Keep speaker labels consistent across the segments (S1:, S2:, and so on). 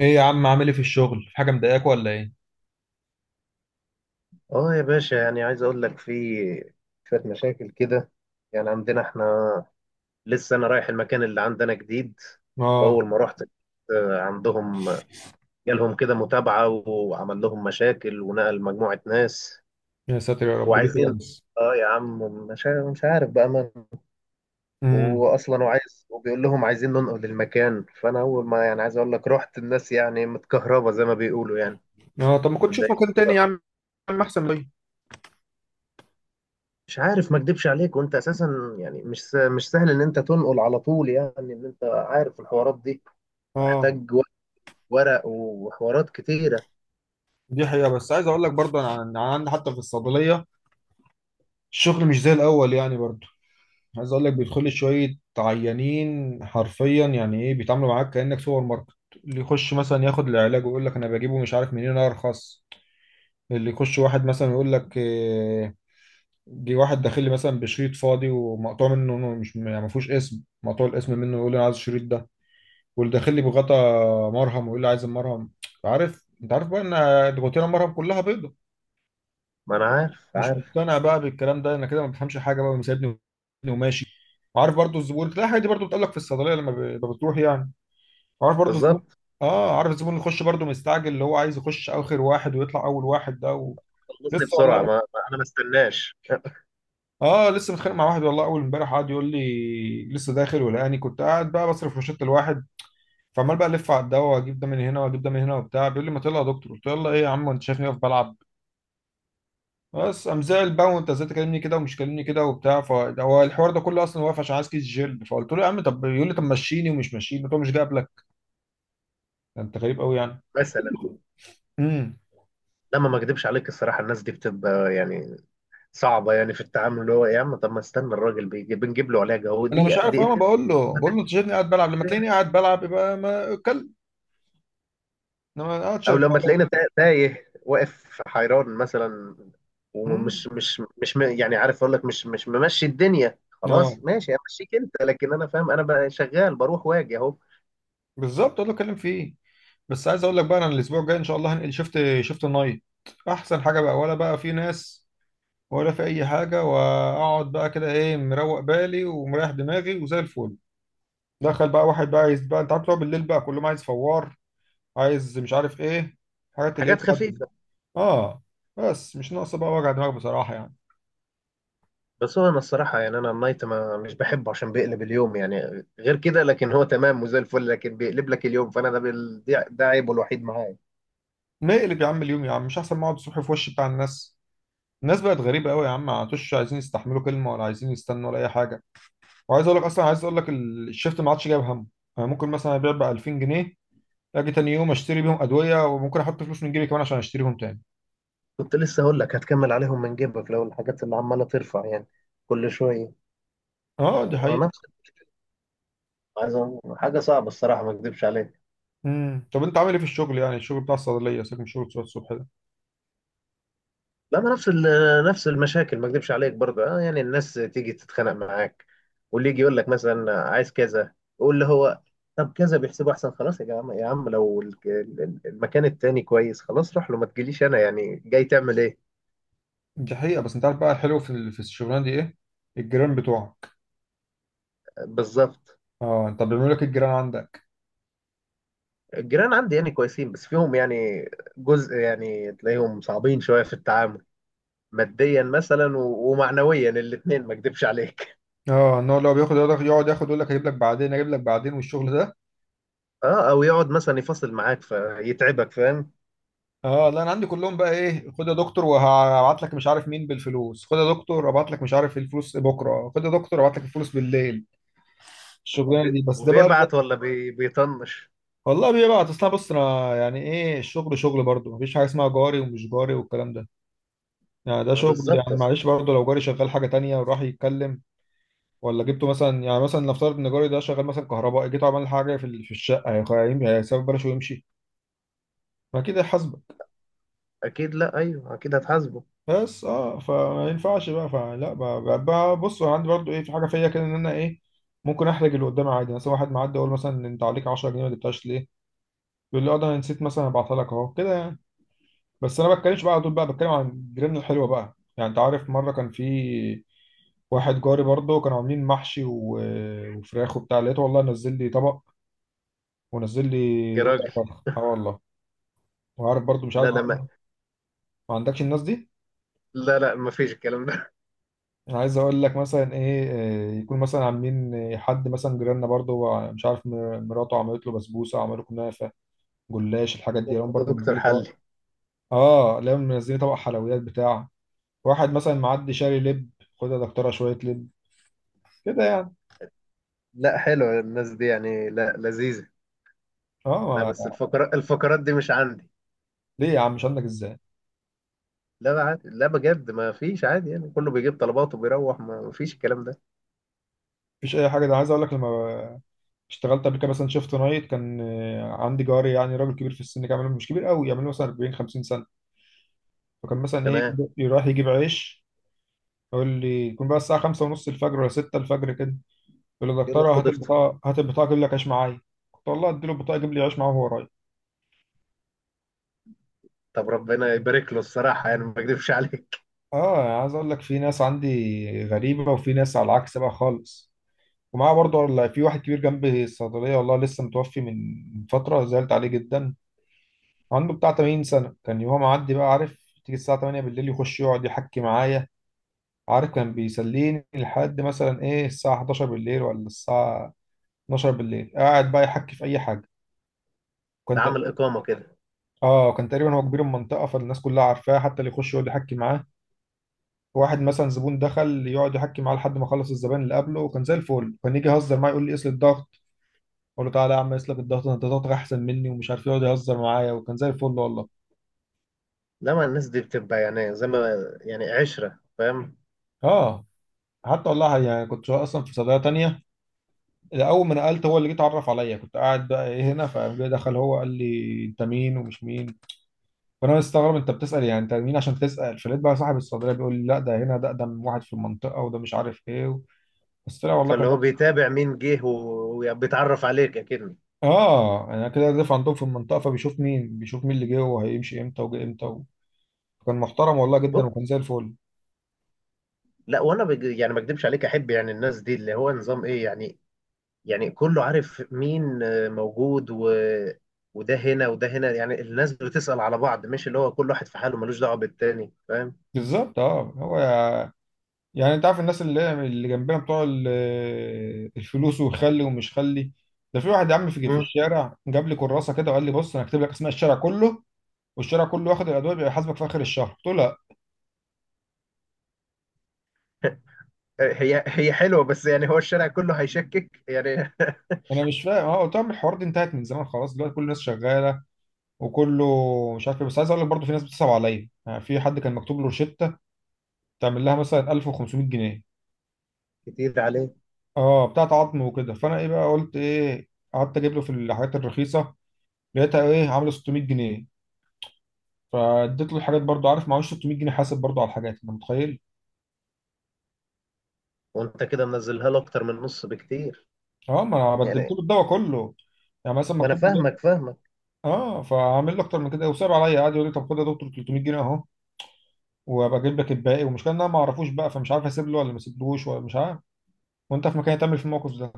S1: ايه يا عم، عامل ايه في الشغل؟ في حاجه مضايقاك ولا ايه؟
S2: اه يا باشا، يعني عايز اقول لك في شوية مشاكل كده. يعني عندنا احنا لسه، انا رايح المكان اللي عندنا جديد.
S1: اه
S2: اول ما رحت، عندهم جالهم كده متابعة وعمل لهم مشاكل ونقل مجموعة ناس.
S1: يا ساتر يا رب، ليه كده
S2: وعايزين،
S1: بس؟
S2: اه يا عم، مش عارف بقى من.
S1: امم
S2: واصلا وعايز وبيقول لهم عايزين ننقل المكان، فانا اول ما يعني عايز اقول لك رحت، الناس يعني متكهربة زي ما بيقولوا يعني،
S1: اه، طب ما كنت اشوف مكان
S2: متضايقين.
S1: تاني يا عم، احسن، ليه؟
S2: مش عارف، ما اكدبش عليك، وانت اساسا يعني مش سهل ان انت تنقل على طول، يعني ان انت عارف الحوارات دي،
S1: اه
S2: محتاج ورق وحوارات كتيره.
S1: دي حقيقه، بس عايز اقول لك برضه انا أنا عندي حتى في الصيدليه الشغل مش زي الاول يعني برضه. عايز اقول لك بيدخل لي شويه عيانين حرفيا، يعني ايه بيتعاملوا معاك كانك سوبر ماركت. اللي يخش مثلا ياخد العلاج ويقول لك انا بجيبه مش عارف منين ارخص. اللي يخش واحد مثلا يقول لك جه واحد داخل لي مثلا بشريط فاضي ومقطوع منه، إنه مش يعني ما فيهوش اسم، مقطوع الاسم منه، يقول لي انا عايز الشريط ده. واللي داخل لي بغطا مرهم ويقول لي عايز المرهم، عارف، انت عارف بقى ان الغطيره المرهم كلها بيضه،
S2: ما انا عارف
S1: مش
S2: عارف
S1: مقتنع بقى بالكلام ده، انا كده ما بفهمش حاجه بقى ومسيبني وماشي. وعارف برضو الزبون، تلاقي الحاجات دي برضو بتقابلك في الصيدليه لما بتروح يعني. عارف برضو الزبون،
S2: بالظبط.
S1: اه عارف الزبون اللي يخش برضو مستعجل، اللي هو عايز يخش اخر واحد ويطلع اول واحد، ده و...
S2: خلصني
S1: لسه
S2: بسرعه،
S1: والله.
S2: انا ما استناش
S1: اه لسه متخانق مع واحد والله، اول امبارح قعد يقول لي لسه داخل، ولقاني كنت قاعد بقى بصرف روشته لواحد، فعمال بقى الف على الدواء، واجيب ده من هنا واجيب ده من هنا وبتاع، بيقول لي ما تلا يا دكتور، قلت له يلا ايه يا عم، انت شايفني واقف بلعب؟ بس قام زعل بقى، وانت ازاي تكلمني كده، ومش كلمني كده وبتاع، فهو الحوار ده كله اصلا واقف عشان عايز كيس جلد، فقلت له يا عم طب، يقول لي طب مشيني، ومش مشيني، قلت له مش جايب لك، ده انت غريب قوي يعني.
S2: مثلا
S1: امم
S2: لما ما اكدبش عليك الصراحه، الناس دي بتبقى يعني صعبه يعني في التعامل. اللي هو يا عم طب ما استنى، الراجل بيجي بنجيب له علاجه، هو
S1: انا
S2: دي
S1: مش عارف، انا
S2: دقيقتين.
S1: بقول له، انت شايفني قاعد بلعب؟ لما تلاقيني قاعد بلعب يبقى ما اتكلم، انما أنا قاعد
S2: او
S1: شغال
S2: لما تلاقينا
S1: أهو.
S2: تايه واقف حيران مثلا،
S1: امم
S2: ومش مش مش م- يعني عارف اقول لك، مش ممشي الدنيا
S1: اه
S2: خلاص، ماشي امشيك انت، لكن انا فاهم انا بقى شغال بروح واجي اهو.
S1: بالظبط، هو اللي اتكلم فيه. بس عايز اقول لك بقى، انا الاسبوع الجاي ان شاء الله هنقل، شفت نايت. احسن حاجه بقى، ولا بقى في ناس ولا في اي حاجه، واقعد بقى كده ايه، مروق بالي ومريح دماغي وزي الفل. دخل بقى واحد بقى عايز بقى، انت عارف بقى بالليل بقى كلهم عايز فوار، عايز مش عارف ايه، حاجات اللي هي
S2: حاجات
S1: بتاعت.
S2: خفيفه.
S1: اه، بس مش ناقصه بقى وجع دماغ بصراحه يعني.
S2: بس هو انا الصراحه يعني انا النايت ما مش بحبه عشان بيقلب اليوم يعني، غير كده لكن هو تمام وزي الفل، لكن بيقلب لك اليوم، فانا ده ده عيبه الوحيد معايا.
S1: نقلب يا عم اليوم يا عم، مش احسن ما اقعد الصبح في وش بتاع الناس؟ الناس بقت غريبه قوي يا عم، ما عادوش عايزين يستحملوا كلمه، ولا عايزين يستنوا، ولا اي حاجه. وعايز اقول لك اصلا، عايز اقول لك الشيفت ما عادش جايب همه. انا ممكن مثلا ابيع ب 2000 جنيه، اجي تاني يوم اشتري بيهم ادويه، وممكن احط فلوس من جيبي كمان عشان اشتريهم تاني.
S2: كنت لسه اقول لك هتكمل عليهم من جيبك لو الحاجات اللي عماله ترفع يعني كل شويه.
S1: اه دي حقيقة.
S2: نفس، حاجه صعبه الصراحه ما اكذبش عليك.
S1: طب انت عامل ايه في الشغل؟ يعني الشغل بتاع الصيدليه، سيبك من الشغل بتاع الصبح ده.
S2: لا، ما نفس المشاكل، ما اكذبش عليك برضه اه، يعني الناس تيجي تتخانق معاك. واللي يجي يقول لك مثلا عايز كذا، يقول له هو طب كذا بيحسبه احسن، خلاص يا جماعه، يا عم لو المكان التاني كويس خلاص روح له، ما تجيليش انا يعني جاي تعمل ايه؟
S1: دي حقيقة، بس انت عارف بقى الحلو في في الشغلانه دي ايه؟ الجيران بتوعك.
S2: بالظبط.
S1: اه، انت بيعملوا لك الجيران عندك؟
S2: الجيران عندي يعني كويسين، بس فيهم يعني جزء يعني تلاقيهم صعبين شويه في التعامل، ماديا مثلا ومعنويا الاتنين، ما اكذبش عليك.
S1: اه، ان هو لو بياخد يقعد ياخد، يقول لك هجيب لك بعدين، اجيب لك بعدين، والشغل ده.
S2: اه او يقعد مثلا يفاصل معاك فيتعبك، فاهم؟
S1: اه لا، انا عندي كلهم بقى ايه، خد يا دكتور وهبعت لك مش عارف مين بالفلوس، خد يا دكتور ابعت لك مش عارف الفلوس بكره، خد يا دكتور ابعت لك الفلوس بالليل، الشغلانه دي بس ده بقى.
S2: وبيبعت ولا بيطنش؟
S1: والله بيبعت، اصل أنا بص، انا يعني ايه، الشغل شغل برضه، مفيش حاجه اسمها جاري ومش جاري والكلام ده. يعني ده
S2: ما
S1: شغل
S2: بالظبط
S1: يعني،
S2: أصلاً.
S1: معلش برضه لو جاري شغال حاجه تانية وراح يتكلم، ولا جبته مثلا، يعني مثلا نفترض ان جاري ده شغال مثلا كهربائي، جيت عمل حاجه في في الشقه، هيسيب بلاش ويمشي؟ ما كده.
S2: اكيد، لا ايوه اكيد هتحاسبه.
S1: بس اه، فما ينفعش بقى، بص انا عندي برضو ايه، في حاجه فيا كده، ان انا ايه، ممكن احرج اللي قدامي عادي، مثلا واحد معدي اقول مثلا، انت عليك 10 جنيه، ما جبتهاش ليه؟ يقول لي اه ده انا نسيت مثلا ابعتها لك، اهو كده يعني. بس انا ما بتكلمش بقى على طول، بقى بتكلم عن جيراننا الحلوه بقى يعني، انت عارف، مره كان في واحد جاري برضه، كانوا عاملين محشي وفراخ وبتاع، لقيته والله نزل لي طبق، ونزل لي
S2: يا
S1: ربع
S2: راجل.
S1: فرخه، اه والله. وعارف برضه مش
S2: لا،
S1: عارف
S2: لا ما...
S1: مين. ما عندكش الناس دي؟
S2: لا، لا، ما فيش الكلام ده.
S1: انا عايز اقول لك مثلا ايه، يكون مثلا عاملين حد مثلا جيراننا برضه هو مش عارف، مراته عملت له بسبوسه، عملوا كنافه، جلاش، الحاجات دي هم
S2: اتفضل
S1: برضه
S2: يا دكتور
S1: منزلين
S2: حلي.
S1: طبق. اه لهم، منزلين طبق حلويات بتاع واحد مثلا معدي شاري لب، خد يا دكتوره شويه لب، كده يعني.
S2: لا، حلوه الناس دي يعني، لا لذيذه.
S1: اه
S2: لا بس
S1: ما...
S2: الفقرات دي مش عندي.
S1: ليه يا عم مش عندك؟ ازاي
S2: لا بقى عادي، لا بجد ما فيش عادي يعني، كله بيجيب طلباته وبيروح، ما فيش الكلام ده.
S1: مفيش اي حاجه؟ ده عايز اقول لك لما اشتغلت قبل كده مثلا شيفت نايت، كان عندي جاري يعني راجل كبير في السن، كان مش كبير قوي، يعمل له مثلا 40 50 سنه، فكان مثلا ايه،
S2: تمام.
S1: رايح يجيب عيش، يقول لي، يكون بقى الساعة خمسة ونص الفجر ولا ستة الفجر كده، يقول لي
S2: يقول له
S1: دكتورة
S2: خد
S1: هات
S2: افطر.
S1: البطاقة، هات البطاقة أجيب لك عيش معايا، كنت والله أديله البطاقة يجيب لي عيش معاه وهو رايح.
S2: طب ربنا يبارك له، الصراحه يعني ما اكذبش عليك.
S1: آه يعني عايز أقول لك في ناس عندي غريبة، وفي ناس على العكس بقى خالص. ومعاه برضه، ولا في واحد كبير جنبي الصيدلية، والله لسه متوفي من فترة، زعلت عليه جدا، عنده بتاع 80 سنة، كان يوم معدي بقى عارف، تيجي الساعة 8 بالليل يخش يقعد يحكي معايا، عارف، كان بيسليني لحد مثلا إيه، الساعة 11 بالليل ولا الساعة 12 بالليل قاعد بقى يحكي في أي حاجة.
S2: ده
S1: كنت،
S2: عامل اقامه كده.
S1: اه، كان تقريبا هو كبير المنطقه، فالناس كلها عارفاه، حتى اللي يخش يقعد يحكي معاه، واحد مثلا زبون دخل يقعد يحكي معاه لحد ما خلص الزبائن اللي قبله. وكان زي الفل، كان يجي يهزر معايا يقول لي قيس لي الضغط، اقول له تعالى يا عم قيس لك الضغط، انت ضغطك احسن مني ومش عارف إيه، يقعد يهزر معايا، وكان زي الفل والله.
S2: لا، ما الناس دي بتبقى يعني زي ما يعني عشره، فاهم؟
S1: اه، حتى والله يعني كنت شغال اصلا في صيدليه تانية، اول ما نقلت هو اللي جه اتعرف عليا، كنت قاعد بقى ايه هنا، فدخل هو قال لي انت مين ومش مين، فانا مستغرب، انت بتسال يعني انت مين عشان تسال؟ فلقيت بقى صاحب الصيدليه بيقول لي لا ده هنا ده اقدم واحد في المنطقه، وده مش عارف ايه. بس طلع والله
S2: فاللي
S1: كان،
S2: هو بيتابع مين جه وبيتعرف عليك اكنه.
S1: اه يعني انا كده دافع عندهم في المنطقه، فبيشوف مين، بيشوف مين اللي جه وهيمشي امتى وجه امتى و... كان محترم والله جدا
S2: بص.
S1: وكان زي الفل.
S2: لا وانا يعني ما اكدبش عليك، احب يعني الناس دي، اللي هو نظام ايه يعني. يعني كله عارف مين موجود. وده هنا وده هنا، يعني الناس بتسأل على بعض، مش اللي هو كل واحد في حاله ملوش دعوه بالتاني، فاهم؟
S1: بالظبط اه، يعني انت عارف الناس اللي جنبنا بتوع الفلوس، وخلي ومش خلي، ده في واحد يا عم في
S2: مم.
S1: الشارع جاب لي كراسه كده، وقال لي بص، انا هكتب لك اسماء الشارع كله، والشارع كله واخد الادويه، بيبقى يحاسبك في اخر الشهر. قلت له لا
S2: هي هي حلوه، بس يعني هو الشارع كله هيشكك يعني.
S1: انا مش فاهم، اه، قلت لهم الحوار ده انتهت من زمان خلاص، دلوقتي كل الناس شغاله، وكله مش عارف إيه. بس عايز اقول لك برضه في ناس بتصعب عليا، يعني في حد كان مكتوب له روشته تعمل لها مثلا 1500 جنيه،
S2: كتير عليه.
S1: اه بتاعت عظم وكده، فانا ايه بقى، قلت ايه، قعدت اجيب له في الحاجات الرخيصه، لقيتها ايه عامله 600 جنيه، فاديت له الحاجات برضو، عارف معهوش 600 جنيه، حاسب برضو على الحاجات، انت متخيل؟
S2: وانت كده منزلها له اكتر من نص بكتير
S1: اه ما انا بدلت له
S2: يعني.
S1: الدواء كله، يعني مثلا
S2: ما انا
S1: مكتوب لي
S2: فاهمك فاهمك.
S1: اه فعامل له اكتر من كده، وصعب عليا قاعد يقول لي طب خد يا دكتور 300 جنيه اهو، وابقى اجيب لك الباقي، والمشكله ان انا ما اعرفوش بقى، فمش عارف اسيب له ولا ما اسيبلوش، ولا مش عارف، وانت في مكاني هتعمل في الموقف ده؟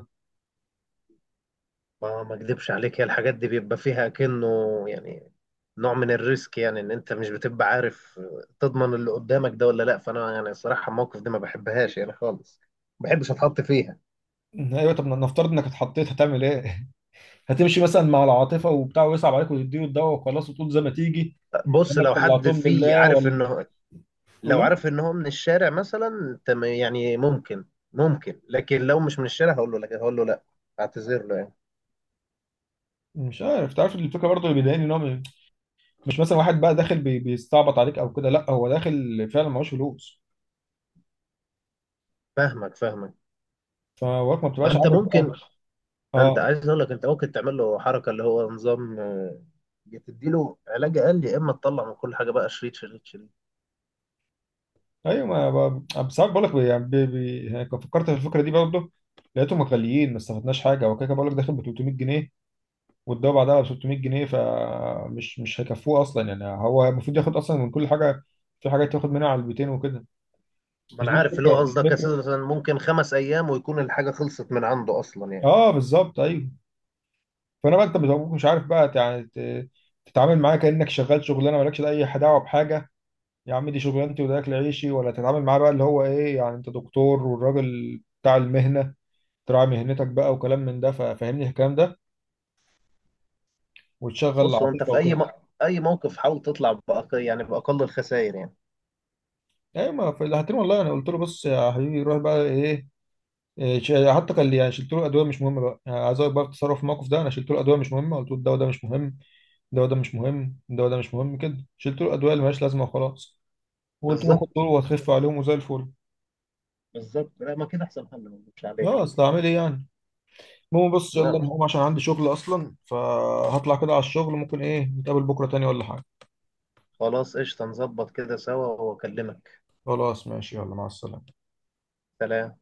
S2: ما اكدبش عليك، هي الحاجات دي بيبقى فيها كأنه، يعني نوع من الريسك، يعني ان انت مش بتبقى عارف تضمن اللي قدامك ده ولا لا. فانا يعني الصراحه، الموقف دي ما بحبهاش يعني خالص، ما بحبش اتحط فيها.
S1: ايوه طب نفترض انك اتحطيت هتعمل ايه؟ هتمشي مثلا مع العاطفه وبتاع ويصعب عليك وتديه الدواء وخلاص، وتقول زي ما تيجي،
S2: بص
S1: كانك
S2: لو حد
S1: طلعتهم
S2: فيه
S1: لله،
S2: عارف
S1: ولا
S2: انه، لو
S1: ولا
S2: عارف ان هو من الشارع مثلا تم يعني ممكن، ممكن لكن لو مش من الشارع، هقول له لا، اعتذر له يعني.
S1: مش عارف. تعرف الفكره برضه اللي بيضايقني ان مش مثلا واحد بقى داخل بيستعبط عليك او كده، لا هو داخل فعلا معهوش فلوس،
S2: فاهمك فاهمك.
S1: فوقت ما
S2: ما
S1: بتبقاش
S2: انت
S1: عارف
S2: ممكن.
S1: بقى.
S2: انت
S1: اه
S2: عايز اقول لك انت ممكن تعمل له حركه، اللي هو نظام، يا تدي له علاج قال، يا اما تطلع من كل حاجه بقى شريط شريط شريط.
S1: ايوه، ما ب- بس بقول لك يعني يعني كنت فكرت في الفكره دي برضه، لقيتهم غاليين، ما استفدناش حاجه، هو كده كده بقول لك داخل ب 300 جنيه، والدواء بعدها ب 600 جنيه، فمش مش هيكفوه اصلا، يعني هو المفروض ياخد اصلا من كل حاجه، في حاجات ياخد منها على البيتين وكده.
S2: ما
S1: مش
S2: انا
S1: دي
S2: عارف اللي هو
S1: الفكره،
S2: قصدك، اساسا
S1: الفكره
S2: مثلا ممكن 5 ايام ويكون الحاجه خلصت من عنده اصلا يعني.
S1: اه بالظبط ايوه. فانا بقى انت بتبقى مش عارف بقى يعني تتعامل معاه كانك شغال شغلانه مالكش اي دعوه بحاجه، يا عم دي شغلانتي وده اكل عيشي، ولا تتعامل معاه بقى، اللي هو ايه يعني انت دكتور والراجل بتاع المهنه، تراعي مهنتك بقى وكلام من ده، ففهمني الكلام ده، وتشغل
S2: بص هو
S1: العاطفه
S2: انت في
S1: وكده.
S2: اي موقف حاول تطلع يعني باقل الخسائر يعني.
S1: ايوه، ما في الهاتين والله انا قلت له بص يا حبيبي روح بقى ايه، إيه، ش- آه، حتى يعني شلت له الادويه مش مهمه بقى، يعني عايز اقول بقى التصرف في الموقف ده، انا شلت له الادويه مش مهمه، قلت له الدواء ده مش مهم، الدواء ده مش مهم كده، شلت له الادويه اللي مالهاش لازمه وخلاص، وقلت له خد دول
S2: بالظبط.
S1: وهتخف عليهم وزي الفل.
S2: بالظبط، لا ما كده احسن حل، ما اكذبش
S1: يا
S2: عليك.
S1: اصل اعمل ايه يعني. المهم بص يلا، انا
S2: لا.
S1: هقوم عشان عندي شغل اصلا، فهطلع كده على الشغل، ممكن ايه نتقابل بكره تاني ولا حاجه؟
S2: خلاص قشطه، نظبط كده سوا واكلمك.
S1: خلاص ماشي، يلا مع السلامه.
S2: سلام.